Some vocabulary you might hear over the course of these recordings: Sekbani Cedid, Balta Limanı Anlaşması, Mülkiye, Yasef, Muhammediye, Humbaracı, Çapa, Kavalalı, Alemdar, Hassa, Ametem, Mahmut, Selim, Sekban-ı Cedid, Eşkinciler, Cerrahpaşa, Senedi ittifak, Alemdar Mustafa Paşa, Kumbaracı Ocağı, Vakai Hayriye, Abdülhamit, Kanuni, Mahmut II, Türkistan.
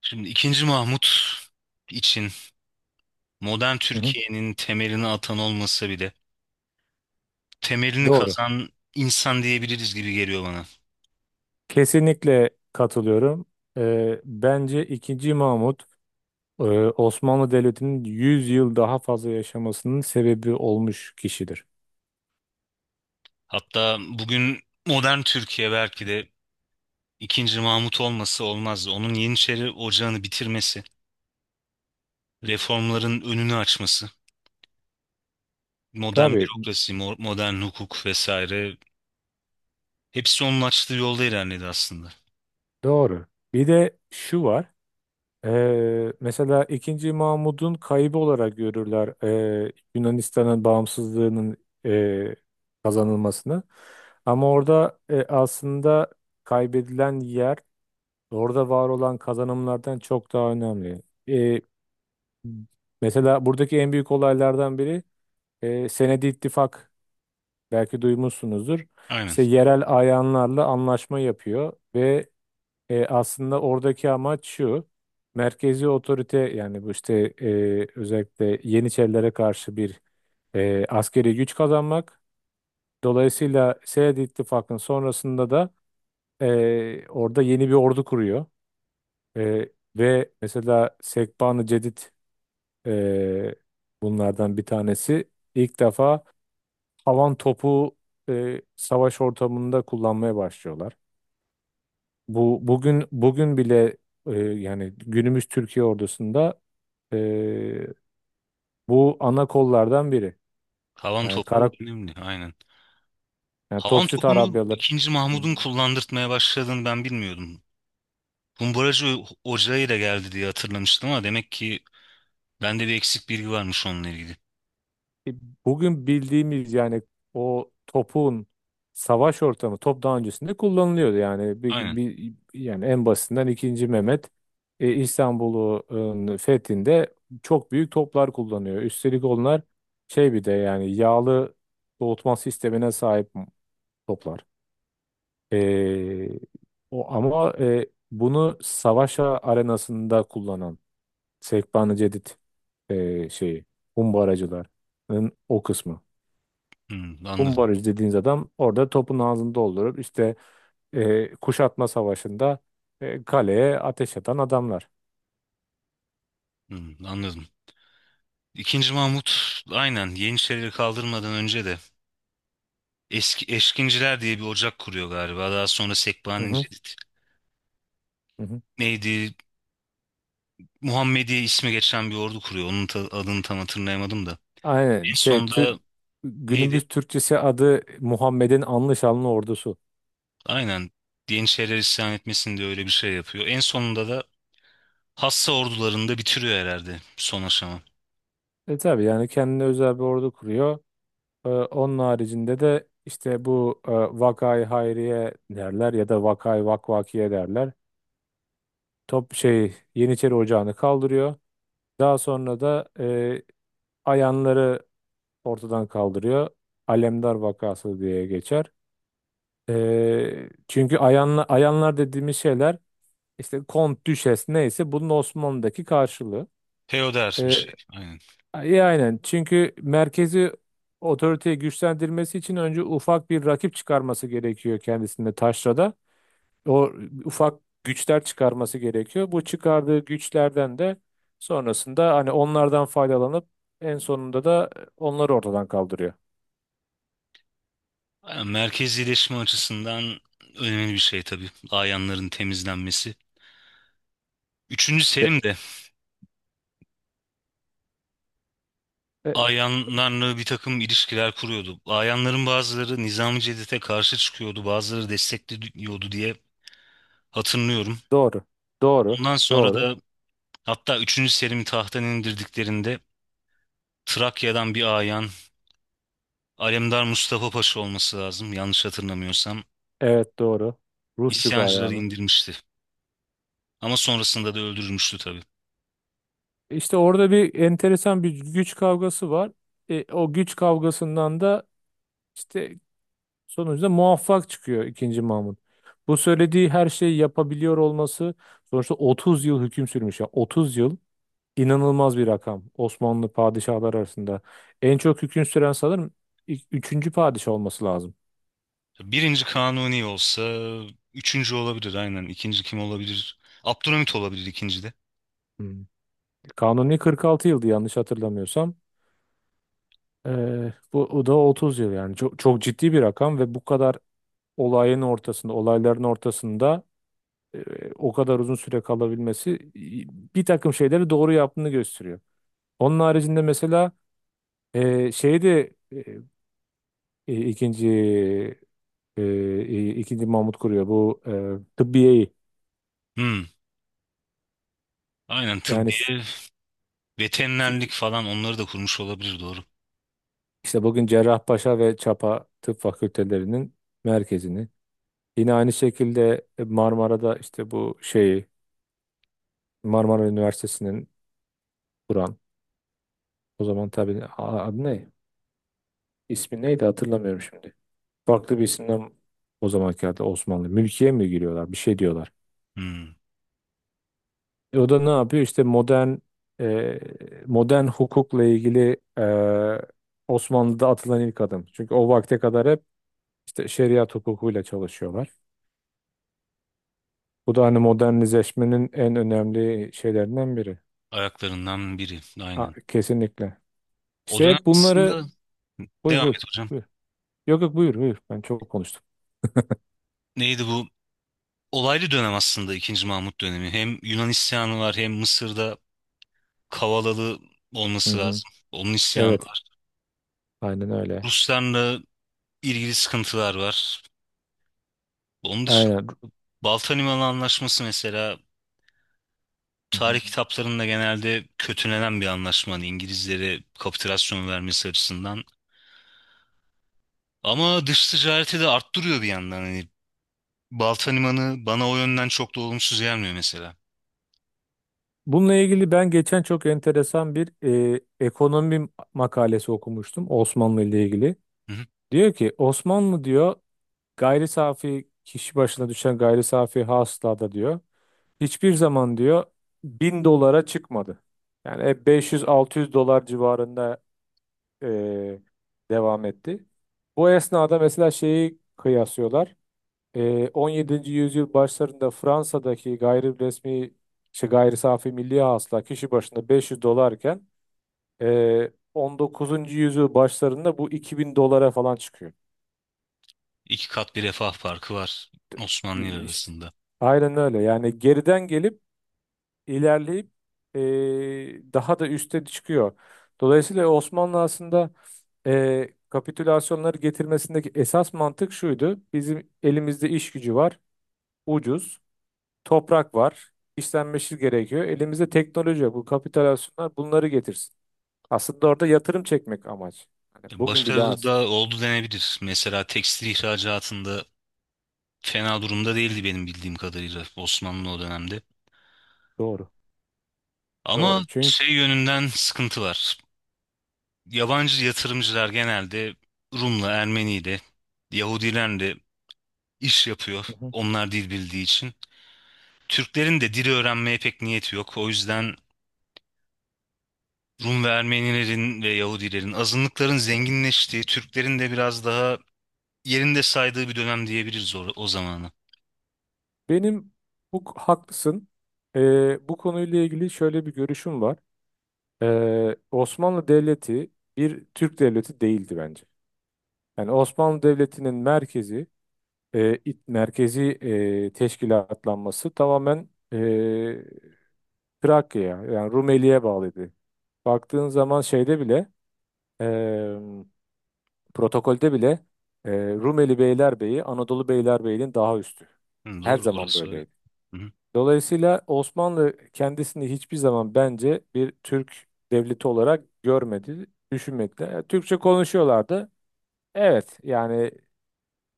Şimdi ikinci Mahmut için modern Hı hı. Türkiye'nin temelini atan olmasa bile temelini Doğru. kazan insan diyebiliriz gibi geliyor bana. Kesinlikle katılıyorum. Bence ikinci Mahmut e, Osmanlı Devleti'nin 100 yıl daha fazla yaşamasının sebebi olmuş kişidir. Hatta bugün modern Türkiye belki de ikinci Mahmut olması olmazdı. Onun Yeniçeri Ocağı'nı bitirmesi, reformların önünü açması, modern Tabii bürokrasi, modern hukuk vesaire hepsi onun açtığı yolda ilerledi aslında. doğru. Bir de şu var. Mesela ikinci Mahmud'un kaybı olarak görürler Yunanistan'ın bağımsızlığının e, kazanılmasını. Ama orada aslında kaybedilen yer orada var olan kazanımlardan çok daha önemli. E, Mesela buradaki en büyük olaylardan biri Senedi ittifak belki duymuşsunuzdur. Aynen. İşte yerel ayanlarla anlaşma yapıyor ve aslında oradaki amaç şu. Merkezi otorite yani bu işte özellikle Yeniçerilere karşı bir askeri güç kazanmak. Dolayısıyla Senedi ittifakın sonrasında da orada yeni bir ordu kuruyor. E, ve mesela Sekban-ı Cedid, Ee, bunlardan bir tanesi ilk defa havan topu savaş ortamında kullanmaya başlıyorlar. Bu bugün bile yani günümüz Türkiye ordusunda e, bu ana kollardan biri. Havan Yani topu kara, önemli, aynen. yani Havan topçu topunu tarabyaları. ikinci Mahmud'un kullandırtmaya başladığını ben bilmiyordum. Kumbaracı Ocağı ile geldi diye hatırlamıştım ama demek ki bende bir eksik bilgi varmış onunla ilgili. E, Bugün bildiğimiz yani o topun savaş ortamı top daha öncesinde kullanılıyordu yani Aynen. Yani en basitinden ikinci Mehmet İstanbul'un fethinde çok büyük toplar kullanıyor. Üstelik onlar şey bir de yani yağlı soğutma sistemine sahip toplar. E, o ama bunu savaş arenasında kullanan Sekban-ı Cedid, şeyi Humbaracıların o kısmı. Hmm, anladım. Umbaraj dediğiniz adam orada topun ağzını doldurup işte kuşatma savaşında kaleye ateş atan adamlar. Hmm, anladım. İkinci Mahmut aynen Yeniçerileri kaldırmadan önce de eski Eşkinciler diye bir ocak kuruyor galiba. Daha sonra Hı Sekbani hı, Cedid hı hı. neydi? Muhammediye ismi geçen bir ordu kuruyor. Onun adını tam hatırlayamadım da. Aynen En şey, sonunda neydi? günümüz Türkçesi adı Muhammed'in anlı şanlı ordusu. Aynen, Yeniçeriler isyan etmesin diye öyle bir şey yapıyor. En sonunda da Hassa ordularını da bitiriyor herhalde son aşama. Tabii yani kendine özel bir ordu kuruyor. Onun haricinde de işte bu Vakai Hayriye derler ya da Vakai Vakvakiye derler. Top şey Yeniçeri Ocağı'nı kaldırıyor. Daha sonra da ayanları ortadan kaldırıyor. Alemdar vakası diye geçer. Çünkü ayanlar dediğimiz şeyler işte kont, düşes, neyse bunun Osmanlı'daki karşılığı. Feodal bir Ee, şey. Aynen. iyi aynen, çünkü merkezi otoriteyi güçlendirmesi için önce ufak bir rakip çıkarması gerekiyor kendisinde taşrada. O ufak güçler çıkarması gerekiyor. Bu çıkardığı güçlerden de sonrasında hani onlardan faydalanıp en sonunda da onları ortadan kaldırıyor. Aynen. Merkezileşme açısından önemli bir şey tabii. Ayanların temizlenmesi. Üçüncü İşte Selim de e, ayanlarla bir takım ilişkiler kuruyordu. Ayanların bazıları Nizami Cedid'e karşı çıkıyordu, bazıları destekliyordu diye hatırlıyorum. Doğru. Doğru. Ondan sonra Doğru. da hatta üçüncü Selim'i tahttan indirdiklerinde Trakya'dan bir ayan, Alemdar Mustafa Paşa olması lazım yanlış hatırlamıyorsam, Evet, doğru. Rusçuk isyancıları ayağını. indirmişti. Ama sonrasında da öldürülmüştü tabii. İşte orada bir enteresan bir güç kavgası var. O güç kavgasından da işte sonuçta muvaffak çıkıyor ikinci Mahmut. Bu söylediği her şeyi yapabiliyor olması, sonuçta 30 yıl hüküm sürmüş. Ya 30 yıl inanılmaz bir rakam Osmanlı padişahlar arasında. En çok hüküm süren sanırım üçüncü padişah olması lazım. Birinci Kanuni olsa üçüncü olabilir aynen. İkinci kim olabilir? Abdülhamit olabilir ikinci de. Hmm. Kanuni 46 yıldı yanlış hatırlamıyorsam. Bu o da 30 yıl, yani çok çok ciddi bir rakam ve bu kadar olayın ortasında, olayların ortasında o kadar uzun süre kalabilmesi bir takım şeyleri doğru yaptığını gösteriyor. Onun haricinde mesela şey de e, ikinci ikinci Mahmut kuruyor bu tıbbiyeyi Hmm. Aynen yani, tıbbiye, veterinerlik falan onları da kurmuş olabilir, doğru. işte bugün Cerrahpaşa ve Çapa Tıp Fakültelerinin merkezini, yine aynı şekilde Marmara'da işte bu şeyi Marmara Üniversitesi'nin Kur'an. O zaman tabii adı ne? İsmi neydi hatırlamıyorum şimdi. Farklı bir isimden, o zamanki halde Osmanlı. Mülkiye mi giriyorlar? Bir şey diyorlar. Hmm. O da ne yapıyor? İşte modern e, modern hukukla ilgili Osmanlı'da atılan ilk adım. Çünkü o vakte kadar hep işte şeriat hukukuyla çalışıyorlar. Bu da hani modernizeşmenin en önemli şeylerinden biri. Ayaklarından biri A- aynen. kesinlikle. O İşte dönem hep bunları, aslında buyur devam buyur et hocam. buyur. Yok yok, buyur buyur. Ben çok konuştum. Neydi bu? Olaylı dönem aslında ikinci Mahmut dönemi. Hem Yunan isyanı var hem Mısır'da Kavalalı Hı olması hı. lazım. Onun isyanı Evet. var. Aynen öyle. Ruslarla ilgili sıkıntılar var. Onun dışında Aynen. Balta Limanı Anlaşması mesela Hı tarih hı. kitaplarında genelde kötülenen bir anlaşma. Hani İngilizlere kapitülasyon vermesi açısından. Ama dış ticareti de arttırıyor bir yandan. Hani Balta Limanı bana o yönden çok da olumsuz gelmiyor mesela. Bununla ilgili ben geçen çok enteresan bir ekonomi makalesi okumuştum Osmanlı ile ilgili. Hı hı. Diyor ki Osmanlı, diyor, gayri safi kişi başına düşen gayri safi hasılada diyor hiçbir zaman, diyor, 1.000 dolara çıkmadı. Yani hep 500-600 dolar civarında e, devam etti. Bu esnada mesela şeyi kıyaslıyorlar. 17. yüzyıl başlarında Fransa'daki gayri resmi şey, gayri safi milli hasıla kişi başına 500 dolarken, 19. yüzyıl başlarında bu 2.000 dolara falan çıkıyor. İki kat bir refah farkı var Osmanlı ile İşte. arasında. Aynen öyle. Yani geriden gelip ilerleyip daha da üste çıkıyor. Dolayısıyla Osmanlı aslında kapitülasyonları getirmesindeki esas mantık şuydu. Bizim elimizde iş gücü var, ucuz. Toprak var. İşlenmesi gerekiyor. Elimizde teknoloji yok. Bu kapitülasyonlar bunları getirsin. Aslında orada yatırım çekmek amaç. Hani Hı. bugün bile Başarılı az. da oldu denebilir. Mesela tekstil ihracatında fena durumda değildi benim bildiğim kadarıyla Osmanlı o dönemde. Doğru. Ama Doğru. Çünkü. şey yönünden sıkıntı var. Yabancı yatırımcılar genelde Rum'la, Ermeni'yle, Yahudilerle iş yapıyor. Hı hı. Onlar dil bildiği için. Türklerin de dili öğrenmeye pek niyeti yok. O yüzden Rum ve Ermenilerin ve Yahudilerin, azınlıkların zenginleştiği, Türklerin de biraz daha yerinde saydığı bir dönem diyebiliriz o zamanı. Benim, bu haklısın. Bu konuyla ilgili şöyle bir görüşüm var. Osmanlı Devleti bir Türk devleti değildi bence. Yani Osmanlı Devleti'nin merkezi teşkilatlanması tamamen Trakya, yani Rumeli'ye bağlıydı. Baktığın zaman şeyde bile, eee, protokolde bile, Rumeli Beylerbeyi Anadolu Beylerbeyi'nin daha üstü. Hı, Her doğru, zaman orası öyle. böyleydi. Hı hı. Dolayısıyla Osmanlı kendisini hiçbir zaman, bence, bir Türk devleti olarak görmedi, düşünmedi. Türkçe konuşuyorlardı. Evet, yani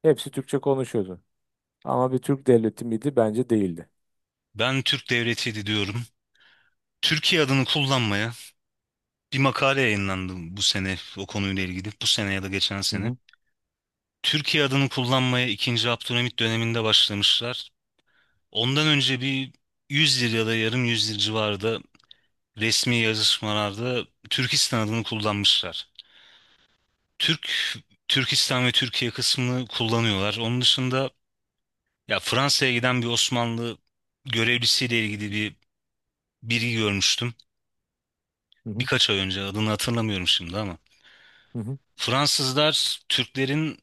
hepsi Türkçe konuşuyordu. Ama bir Türk devleti miydi? Bence değildi. Ben Türk Devleti'ydi diyorum. Türkiye adını kullanmaya bir makale yayınlandı bu sene o konuyla ilgili. Bu sene ya da geçen Hı sene. hı, Türkiye adını kullanmaya ikinci Abdülhamit döneminde başlamışlar. Ondan önce bir 100 yıl ya da yarım yüzyıl civarında resmi yazışmalarda Türkistan adını kullanmışlar. Türk, Türkistan ve Türkiye kısmını kullanıyorlar. Onun dışında ya Fransa'ya giden bir Osmanlı görevlisiyle ilgili bir bilgi görmüştüm. hı hı, Birkaç ay önce, adını hatırlamıyorum şimdi ama. hı hı, Fransızlar Türklerin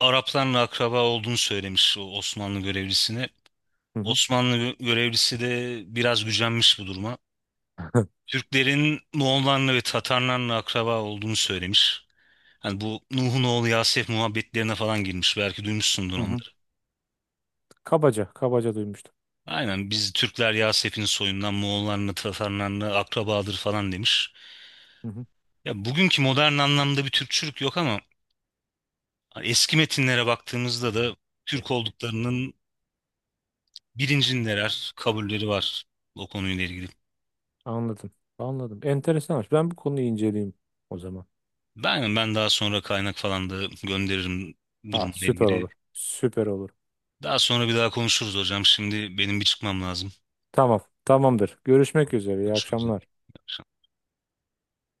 Araplarla akraba olduğunu söylemiş o Osmanlı görevlisine. hı hı, Osmanlı görevlisi de biraz gücenmiş bu duruma. Türklerin Moğollarla ve Tatarlarla akraba olduğunu söylemiş. Hani bu Nuh'un oğlu Yasef muhabbetlerine falan girmiş. Belki duymuşsundur hı hı. onları. Kabaca, kabaca duymuştum. Aynen, biz Türkler Yasef'in soyundan Moğollarla Tatarlarla akrabadır falan demiş. Hı hı. Ya bugünkü modern anlamda bir Türkçülük yok ama eski metinlere baktığımızda da Türk olduklarının bilincindeler, kabulleri var o konuyla ilgili. Anladım. Anladım. Enteresanmış. Ben bu konuyu inceleyeyim o zaman. Ben daha sonra kaynak falan da gönderirim Ha, durumla süper ilgili. olur. Süper olur. Daha sonra bir daha konuşuruz hocam. Şimdi benim bir çıkmam lazım. Tamam. Tamamdır. Görüşmek üzere. İyi Görüşmek üzere. akşamlar. İyi akşamlar.